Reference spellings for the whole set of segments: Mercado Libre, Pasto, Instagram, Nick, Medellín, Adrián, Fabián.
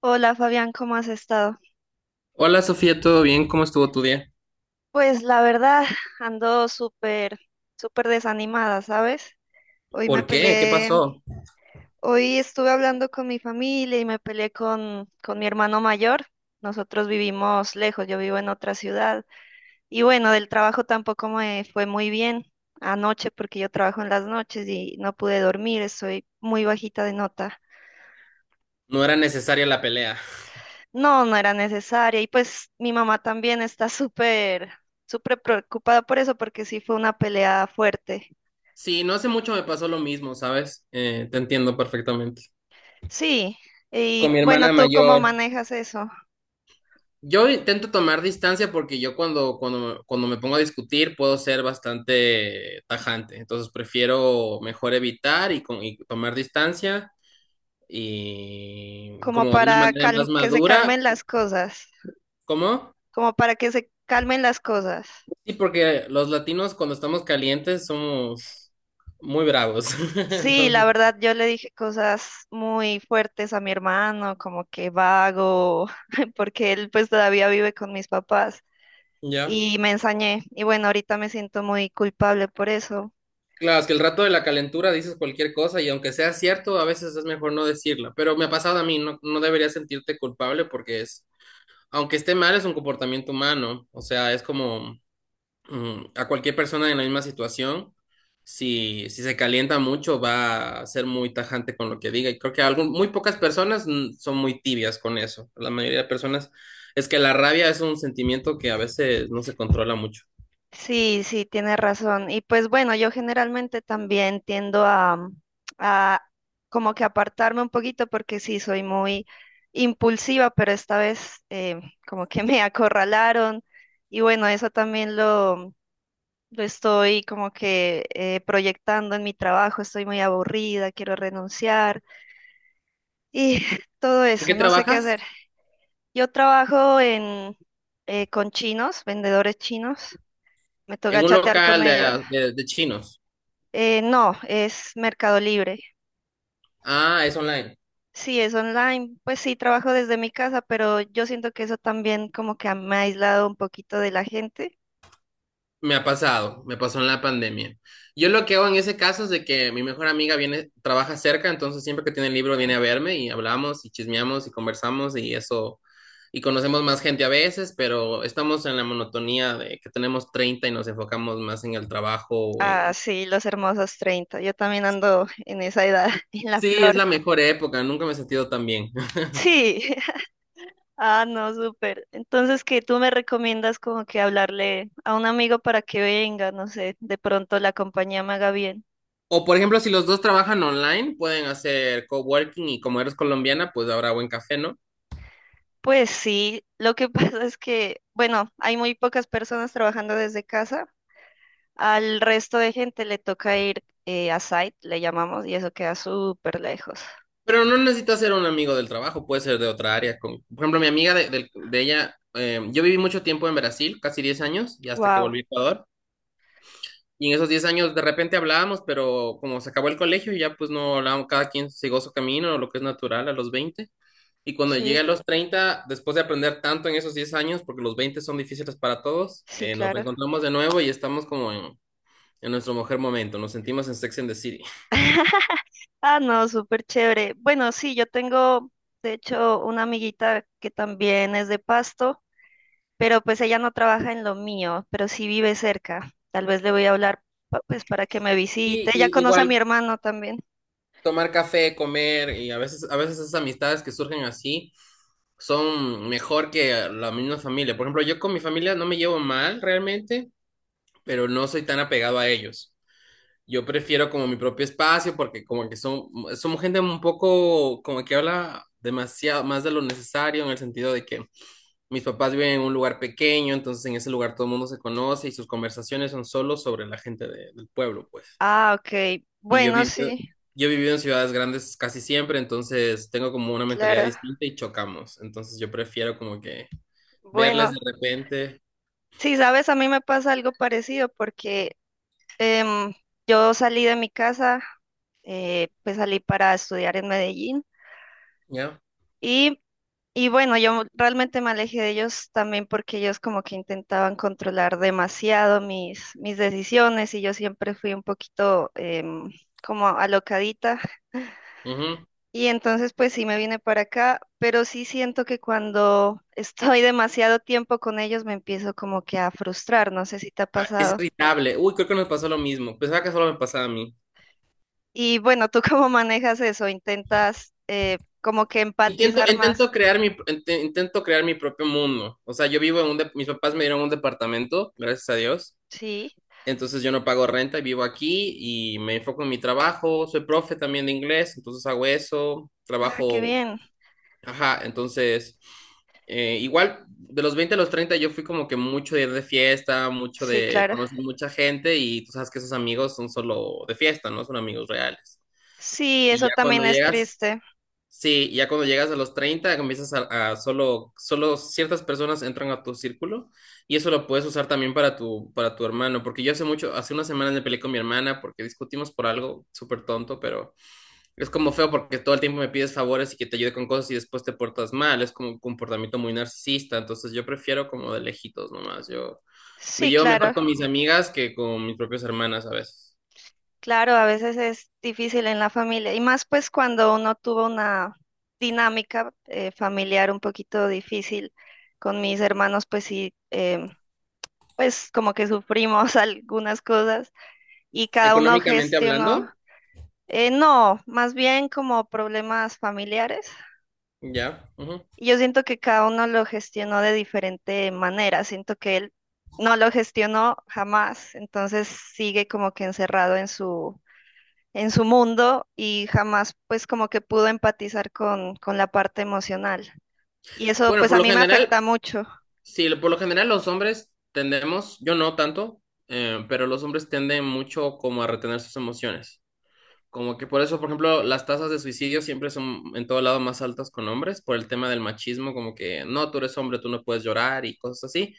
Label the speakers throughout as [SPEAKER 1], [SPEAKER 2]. [SPEAKER 1] Hola Fabián, ¿cómo has estado?
[SPEAKER 2] Hola Sofía, ¿todo bien? ¿Cómo estuvo tu día?
[SPEAKER 1] Pues la verdad, ando súper, súper desanimada, ¿sabes? Hoy me
[SPEAKER 2] ¿Por qué? ¿Qué
[SPEAKER 1] peleé,
[SPEAKER 2] pasó?
[SPEAKER 1] hoy estuve hablando con mi familia y me peleé con mi hermano mayor. Nosotros vivimos lejos, yo vivo en otra ciudad. Y bueno, del trabajo tampoco me fue muy bien anoche porque yo trabajo en las noches y no pude dormir, estoy muy bajita de nota.
[SPEAKER 2] No era necesaria la pelea.
[SPEAKER 1] No, no era necesaria. Y pues mi mamá también está súper, súper preocupada por eso, porque sí fue una pelea fuerte.
[SPEAKER 2] Sí, no hace mucho me pasó lo mismo, ¿sabes? Te entiendo perfectamente.
[SPEAKER 1] Sí, y
[SPEAKER 2] Con mi
[SPEAKER 1] bueno,
[SPEAKER 2] hermana
[SPEAKER 1] ¿tú cómo
[SPEAKER 2] mayor.
[SPEAKER 1] manejas eso?
[SPEAKER 2] Yo intento tomar distancia porque yo cuando me pongo a discutir puedo ser bastante tajante, entonces prefiero mejor evitar y tomar distancia y
[SPEAKER 1] Como
[SPEAKER 2] como de una
[SPEAKER 1] para
[SPEAKER 2] manera más
[SPEAKER 1] que se
[SPEAKER 2] madura.
[SPEAKER 1] calmen las cosas,
[SPEAKER 2] ¿Cómo?
[SPEAKER 1] como para que se calmen las cosas.
[SPEAKER 2] Sí, porque los latinos cuando estamos calientes somos muy bravos.
[SPEAKER 1] Sí, la
[SPEAKER 2] Entonces,
[SPEAKER 1] verdad, yo le dije cosas muy fuertes a mi hermano, como que vago, porque él pues todavía vive con mis papás
[SPEAKER 2] ya.
[SPEAKER 1] y me ensañé. Y bueno, ahorita me siento muy culpable por eso.
[SPEAKER 2] Claro, es que el rato de la calentura dices cualquier cosa y aunque sea cierto, a veces es mejor no decirla. Pero me ha pasado a mí, no, no deberías sentirte culpable porque es, aunque esté mal, es un comportamiento humano. O sea, es como a cualquier persona en la misma situación, si se calienta mucho, va a ser muy tajante con lo que diga. Y creo que muy pocas personas son muy tibias con eso. La mayoría de personas es que la rabia es un sentimiento que a veces no se controla mucho.
[SPEAKER 1] Sí, sí, tiene razón. Y pues bueno, yo generalmente también tiendo a como que apartarme un poquito porque sí, soy muy impulsiva, pero esta vez como que me acorralaron. Y bueno, eso también lo estoy como que proyectando en mi trabajo. Estoy muy aburrida, quiero renunciar y todo
[SPEAKER 2] ¿En
[SPEAKER 1] eso,
[SPEAKER 2] qué
[SPEAKER 1] no sé qué hacer.
[SPEAKER 2] trabajas?
[SPEAKER 1] Yo trabajo en, con chinos, vendedores chinos. Me
[SPEAKER 2] En
[SPEAKER 1] toca
[SPEAKER 2] un
[SPEAKER 1] chatear con
[SPEAKER 2] local de,
[SPEAKER 1] ellos.
[SPEAKER 2] de de chinos.
[SPEAKER 1] No, es Mercado Libre.
[SPEAKER 2] Ah, es online.
[SPEAKER 1] Sí, es online. Pues sí, trabajo desde mi casa, pero yo siento que eso también como que me ha aislado un poquito de la gente.
[SPEAKER 2] Me ha pasado, me pasó en la pandemia. Yo lo que hago en ese caso es de que mi mejor amiga viene, trabaja cerca, entonces siempre que tiene el libro viene a verme y hablamos y chismeamos y conversamos y eso, y conocemos más gente a veces, pero estamos en la monotonía de que tenemos 30 y nos enfocamos más en el trabajo o
[SPEAKER 1] Ah,
[SPEAKER 2] en...
[SPEAKER 1] sí, los hermosos 30. Yo también ando en esa edad, en la
[SPEAKER 2] Sí, es
[SPEAKER 1] flor.
[SPEAKER 2] la mejor época, nunca me he sentido tan bien.
[SPEAKER 1] Sí. Ah, no, súper. Entonces, ¿qué tú me recomiendas como que hablarle a un amigo para que venga? No sé, de pronto la compañía me haga bien.
[SPEAKER 2] O por ejemplo, si los dos trabajan online, pueden hacer coworking y como eres colombiana, pues habrá buen café, ¿no?
[SPEAKER 1] Pues sí, lo que pasa es que, bueno, hay muy pocas personas trabajando desde casa. Al resto de gente le toca ir a site, le llamamos, y eso queda súper lejos.
[SPEAKER 2] Pero no necesitas ser un amigo del trabajo, puede ser de otra área. Como- por ejemplo, mi amiga de ella, yo viví mucho tiempo en Brasil, casi 10 años, y hasta que volví
[SPEAKER 1] Wow,
[SPEAKER 2] a Ecuador. Y en esos 10 años de repente hablábamos, pero como se acabó el colegio, ya pues no hablábamos, cada quien siguió su camino, lo que es natural a los 20. Y cuando llegué
[SPEAKER 1] sí,
[SPEAKER 2] a los 30, después de aprender tanto en esos 10 años, porque los 20 son difíciles para todos,
[SPEAKER 1] sí,
[SPEAKER 2] nos
[SPEAKER 1] claro.
[SPEAKER 2] reencontramos de nuevo y estamos como en nuestro mejor momento, nos sentimos en Sex and the City.
[SPEAKER 1] Ah, no, súper chévere. De hecho, una amiguita que también es de Pasto, pero pues ella no trabaja en lo mío, pero sí vive cerca. Tal vez le voy a hablar, pues, para que me
[SPEAKER 2] Y,
[SPEAKER 1] visite. Ella
[SPEAKER 2] y
[SPEAKER 1] conoce a mi
[SPEAKER 2] igual
[SPEAKER 1] hermano también.
[SPEAKER 2] tomar café, comer y a veces esas amistades que surgen así son mejor que la misma familia. Por ejemplo, yo con mi familia no me llevo mal realmente, pero no soy tan apegado a ellos. Yo prefiero como mi propio espacio porque como que somos gente un poco como que habla demasiado más de lo necesario en el sentido de que mis papás viven en un lugar pequeño, entonces en ese lugar todo el mundo se conoce y sus conversaciones son solo sobre la gente del pueblo, pues.
[SPEAKER 1] Ah, ok.
[SPEAKER 2] Y yo he
[SPEAKER 1] Bueno,
[SPEAKER 2] vivido,
[SPEAKER 1] sí,
[SPEAKER 2] yo he vivido en ciudades grandes casi siempre, entonces tengo como una mentalidad
[SPEAKER 1] claro.
[SPEAKER 2] distinta y chocamos. Entonces yo prefiero como que verles
[SPEAKER 1] Bueno,
[SPEAKER 2] de repente,
[SPEAKER 1] sí, sabes, a mí me pasa algo parecido porque Em, yo salí de mi casa, pues salí para estudiar en Medellín
[SPEAKER 2] ¿ya?
[SPEAKER 1] y, y bueno, yo realmente me alejé de ellos también porque ellos como que intentaban controlar demasiado mis decisiones y yo siempre fui un poquito como alocadita
[SPEAKER 2] Ujú.
[SPEAKER 1] y entonces pues sí me vine para acá, pero sí siento que cuando estoy demasiado tiempo con ellos me empiezo como que a frustrar, no sé si te ha
[SPEAKER 2] Ah, es
[SPEAKER 1] pasado.
[SPEAKER 2] irritable. Uy, creo que nos pasó lo mismo. Pensaba que solo me pasaba a mí.
[SPEAKER 1] Y bueno, ¿tú cómo manejas eso? ¿Intentas como que
[SPEAKER 2] Intento,
[SPEAKER 1] empatizar
[SPEAKER 2] intento
[SPEAKER 1] más?
[SPEAKER 2] crear mi propio mundo. O sea, yo vivo en mis papás me dieron un departamento, gracias a Dios.
[SPEAKER 1] Sí.
[SPEAKER 2] Entonces yo no pago renta y vivo aquí y me enfoco en mi trabajo. Soy profe también de inglés, entonces hago eso.
[SPEAKER 1] Ah, qué
[SPEAKER 2] Trabajo.
[SPEAKER 1] bien.
[SPEAKER 2] Ajá, entonces, igual, de los 20 a los 30 yo fui como que mucho de ir de fiesta, mucho
[SPEAKER 1] Sí,
[SPEAKER 2] de
[SPEAKER 1] claro.
[SPEAKER 2] conocer mucha gente y tú sabes que esos amigos son solo de fiesta, no son amigos reales.
[SPEAKER 1] Sí,
[SPEAKER 2] Y
[SPEAKER 1] eso
[SPEAKER 2] ya cuando
[SPEAKER 1] también es
[SPEAKER 2] llegas,
[SPEAKER 1] triste.
[SPEAKER 2] sí, ya cuando llegas a los 30 comienzas a solo ciertas personas entran a tu círculo y eso lo puedes usar también para tu hermano, porque yo hace mucho, hace unas semanas me peleé con mi hermana porque discutimos por algo súper tonto, pero... Es como feo porque todo el tiempo me pides favores y que te ayude con cosas y después te portas mal. Es como un comportamiento muy narcisista. Entonces yo prefiero como de lejitos nomás. Yo me
[SPEAKER 1] Sí,
[SPEAKER 2] llevo mejor
[SPEAKER 1] claro.
[SPEAKER 2] con mis amigas que con mis propias hermanas a veces.
[SPEAKER 1] Claro, a veces es difícil en la familia. Y más pues cuando uno tuvo una dinámica familiar un poquito difícil con mis hermanos, pues sí, pues como que sufrimos algunas cosas y cada uno
[SPEAKER 2] Económicamente
[SPEAKER 1] gestionó,
[SPEAKER 2] hablando,
[SPEAKER 1] no, más bien como problemas familiares.
[SPEAKER 2] ya. Ujú.
[SPEAKER 1] Y yo siento que cada uno lo gestionó de diferente manera, siento que él no lo gestionó jamás, entonces sigue como que encerrado en su mundo y jamás pues como que pudo empatizar con la parte emocional. Y eso
[SPEAKER 2] Bueno,
[SPEAKER 1] pues
[SPEAKER 2] por
[SPEAKER 1] a
[SPEAKER 2] lo
[SPEAKER 1] mí me afecta
[SPEAKER 2] general,
[SPEAKER 1] mucho.
[SPEAKER 2] sí, por lo general los hombres tendemos, yo no tanto, pero los hombres tienden mucho como a retener sus emociones. Como que por eso, por ejemplo, las tasas de suicidio siempre son en todo lado más altas con hombres, por el tema del machismo, como que no, tú eres hombre, tú no puedes llorar y cosas así.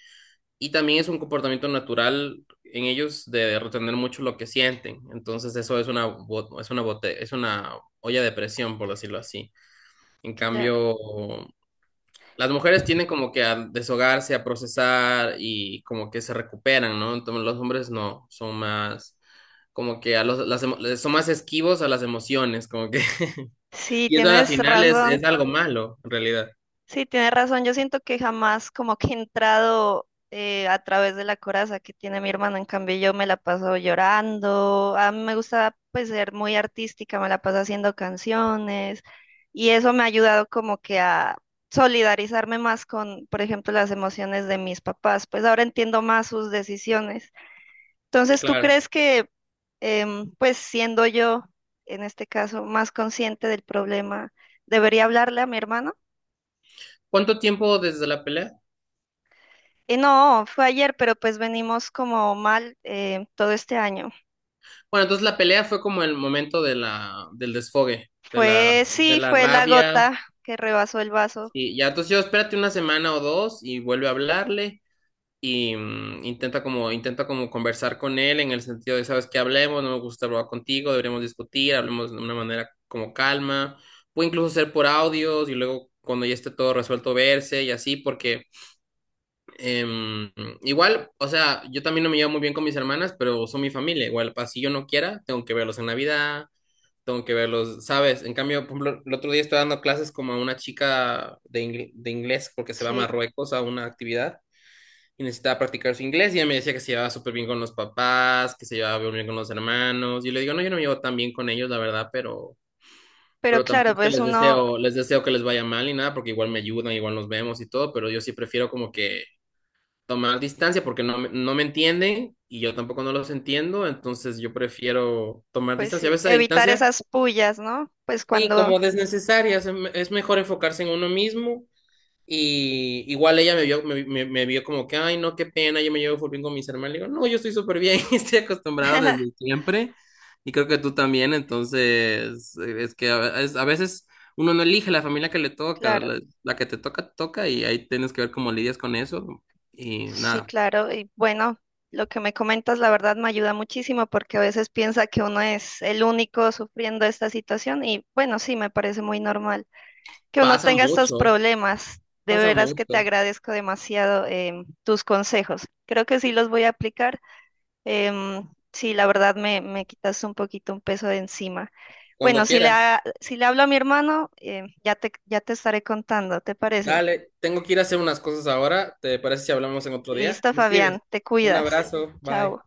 [SPEAKER 2] Y también es un comportamiento natural en ellos de retener mucho lo que sienten. Entonces eso es una, es una olla de presión, por decirlo así. En
[SPEAKER 1] Claro.
[SPEAKER 2] cambio, las mujeres tienen como que a deshogarse, a procesar y como que se recuperan, ¿no? Entonces los hombres no, son más como que a los, las, emo- son más esquivos a las emociones, como que...
[SPEAKER 1] Sí,
[SPEAKER 2] Y eso al
[SPEAKER 1] tienes
[SPEAKER 2] final es
[SPEAKER 1] razón.
[SPEAKER 2] algo malo, en realidad.
[SPEAKER 1] Sí, tienes razón. Yo siento que jamás como que he entrado a través de la coraza que tiene mi hermana. En cambio, yo me la paso llorando. A mí me gusta pues ser muy artística, me la paso haciendo canciones y eso me ha ayudado como que a solidarizarme más con, por ejemplo, las emociones de mis papás. Pues ahora entiendo más sus decisiones. Entonces, ¿tú
[SPEAKER 2] Claro.
[SPEAKER 1] crees que pues siendo yo, en este caso, más consciente del problema, debería hablarle a mi hermano?
[SPEAKER 2] ¿Cuánto tiempo desde la pelea?
[SPEAKER 1] No, fue ayer, pero pues venimos como mal todo este año.
[SPEAKER 2] Bueno, entonces la pelea fue como el momento del desfogue, de la,
[SPEAKER 1] Fue,
[SPEAKER 2] de
[SPEAKER 1] sí,
[SPEAKER 2] la
[SPEAKER 1] fue la
[SPEAKER 2] rabia.
[SPEAKER 1] gota que rebasó el vaso,
[SPEAKER 2] Y ya, entonces yo espérate una semana o dos y vuelve a hablarle. Y intenta como conversar con él en el sentido de, sabes que hablemos, no me gusta hablar contigo, deberíamos discutir, hablemos de una manera como calma, puede incluso ser por audios y luego cuando ya esté todo resuelto verse y así, porque em, igual, o sea, yo también no me llevo muy bien con mis hermanas, pero son mi familia, igual, así yo no quiera, tengo que verlos en Navidad. Tengo que verlos, ¿sabes? En cambio, por ejemplo, el otro día estoy dando clases como a una chica de, de inglés porque se va a
[SPEAKER 1] sí.
[SPEAKER 2] Marruecos a una actividad y necesitaba practicar su inglés y ella me decía que se llevaba súper bien con los papás, que se llevaba muy bien con los hermanos. Y yo le digo, no, yo no me llevo tan bien con ellos, la verdad,
[SPEAKER 1] Pero
[SPEAKER 2] pero tampoco
[SPEAKER 1] claro,
[SPEAKER 2] es que
[SPEAKER 1] pues uno,
[SPEAKER 2] les deseo que les vaya mal ni nada, porque igual me ayudan, igual nos vemos y todo, pero yo sí prefiero como que tomar distancia porque no, no me entienden y yo tampoco no los entiendo, entonces yo prefiero tomar
[SPEAKER 1] pues
[SPEAKER 2] distancia. A
[SPEAKER 1] sí,
[SPEAKER 2] veces a
[SPEAKER 1] evitar
[SPEAKER 2] distancia,
[SPEAKER 1] esas pullas, ¿no? Pues
[SPEAKER 2] sí,
[SPEAKER 1] cuando,
[SPEAKER 2] como desnecesaria, es mejor enfocarse en uno mismo y igual ella me vio, me, me vio como que, ay, no, qué pena, yo me llevo full bien con mis hermanos. Le digo, no, yo estoy súper bien, estoy acostumbrado desde siempre. Y creo que tú también, entonces, es que a veces uno no elige la familia que le toca,
[SPEAKER 1] claro,
[SPEAKER 2] la que te toca, y ahí tienes que ver cómo lidias con eso. Y
[SPEAKER 1] sí,
[SPEAKER 2] nada,
[SPEAKER 1] claro. Y bueno, lo que me comentas, la verdad, me ayuda muchísimo porque a veces piensa que uno es el único sufriendo esta situación y bueno, sí, me parece muy normal que uno
[SPEAKER 2] pasa
[SPEAKER 1] tenga estos
[SPEAKER 2] mucho,
[SPEAKER 1] problemas. De
[SPEAKER 2] pasa
[SPEAKER 1] veras que te
[SPEAKER 2] mucho.
[SPEAKER 1] agradezco demasiado tus consejos. Creo que sí los voy a aplicar. Sí, la verdad me quitas un poquito un peso de encima.
[SPEAKER 2] Cuando
[SPEAKER 1] Bueno, si
[SPEAKER 2] quieras,
[SPEAKER 1] si le hablo a mi hermano, ya te estaré contando, ¿te parece?
[SPEAKER 2] dale, tengo que ir a hacer unas cosas ahora. ¿Te parece si hablamos en otro día?
[SPEAKER 1] Listo,
[SPEAKER 2] Me escribes.
[SPEAKER 1] Fabián, te
[SPEAKER 2] Un
[SPEAKER 1] cuidas.
[SPEAKER 2] abrazo, bye.
[SPEAKER 1] Chao.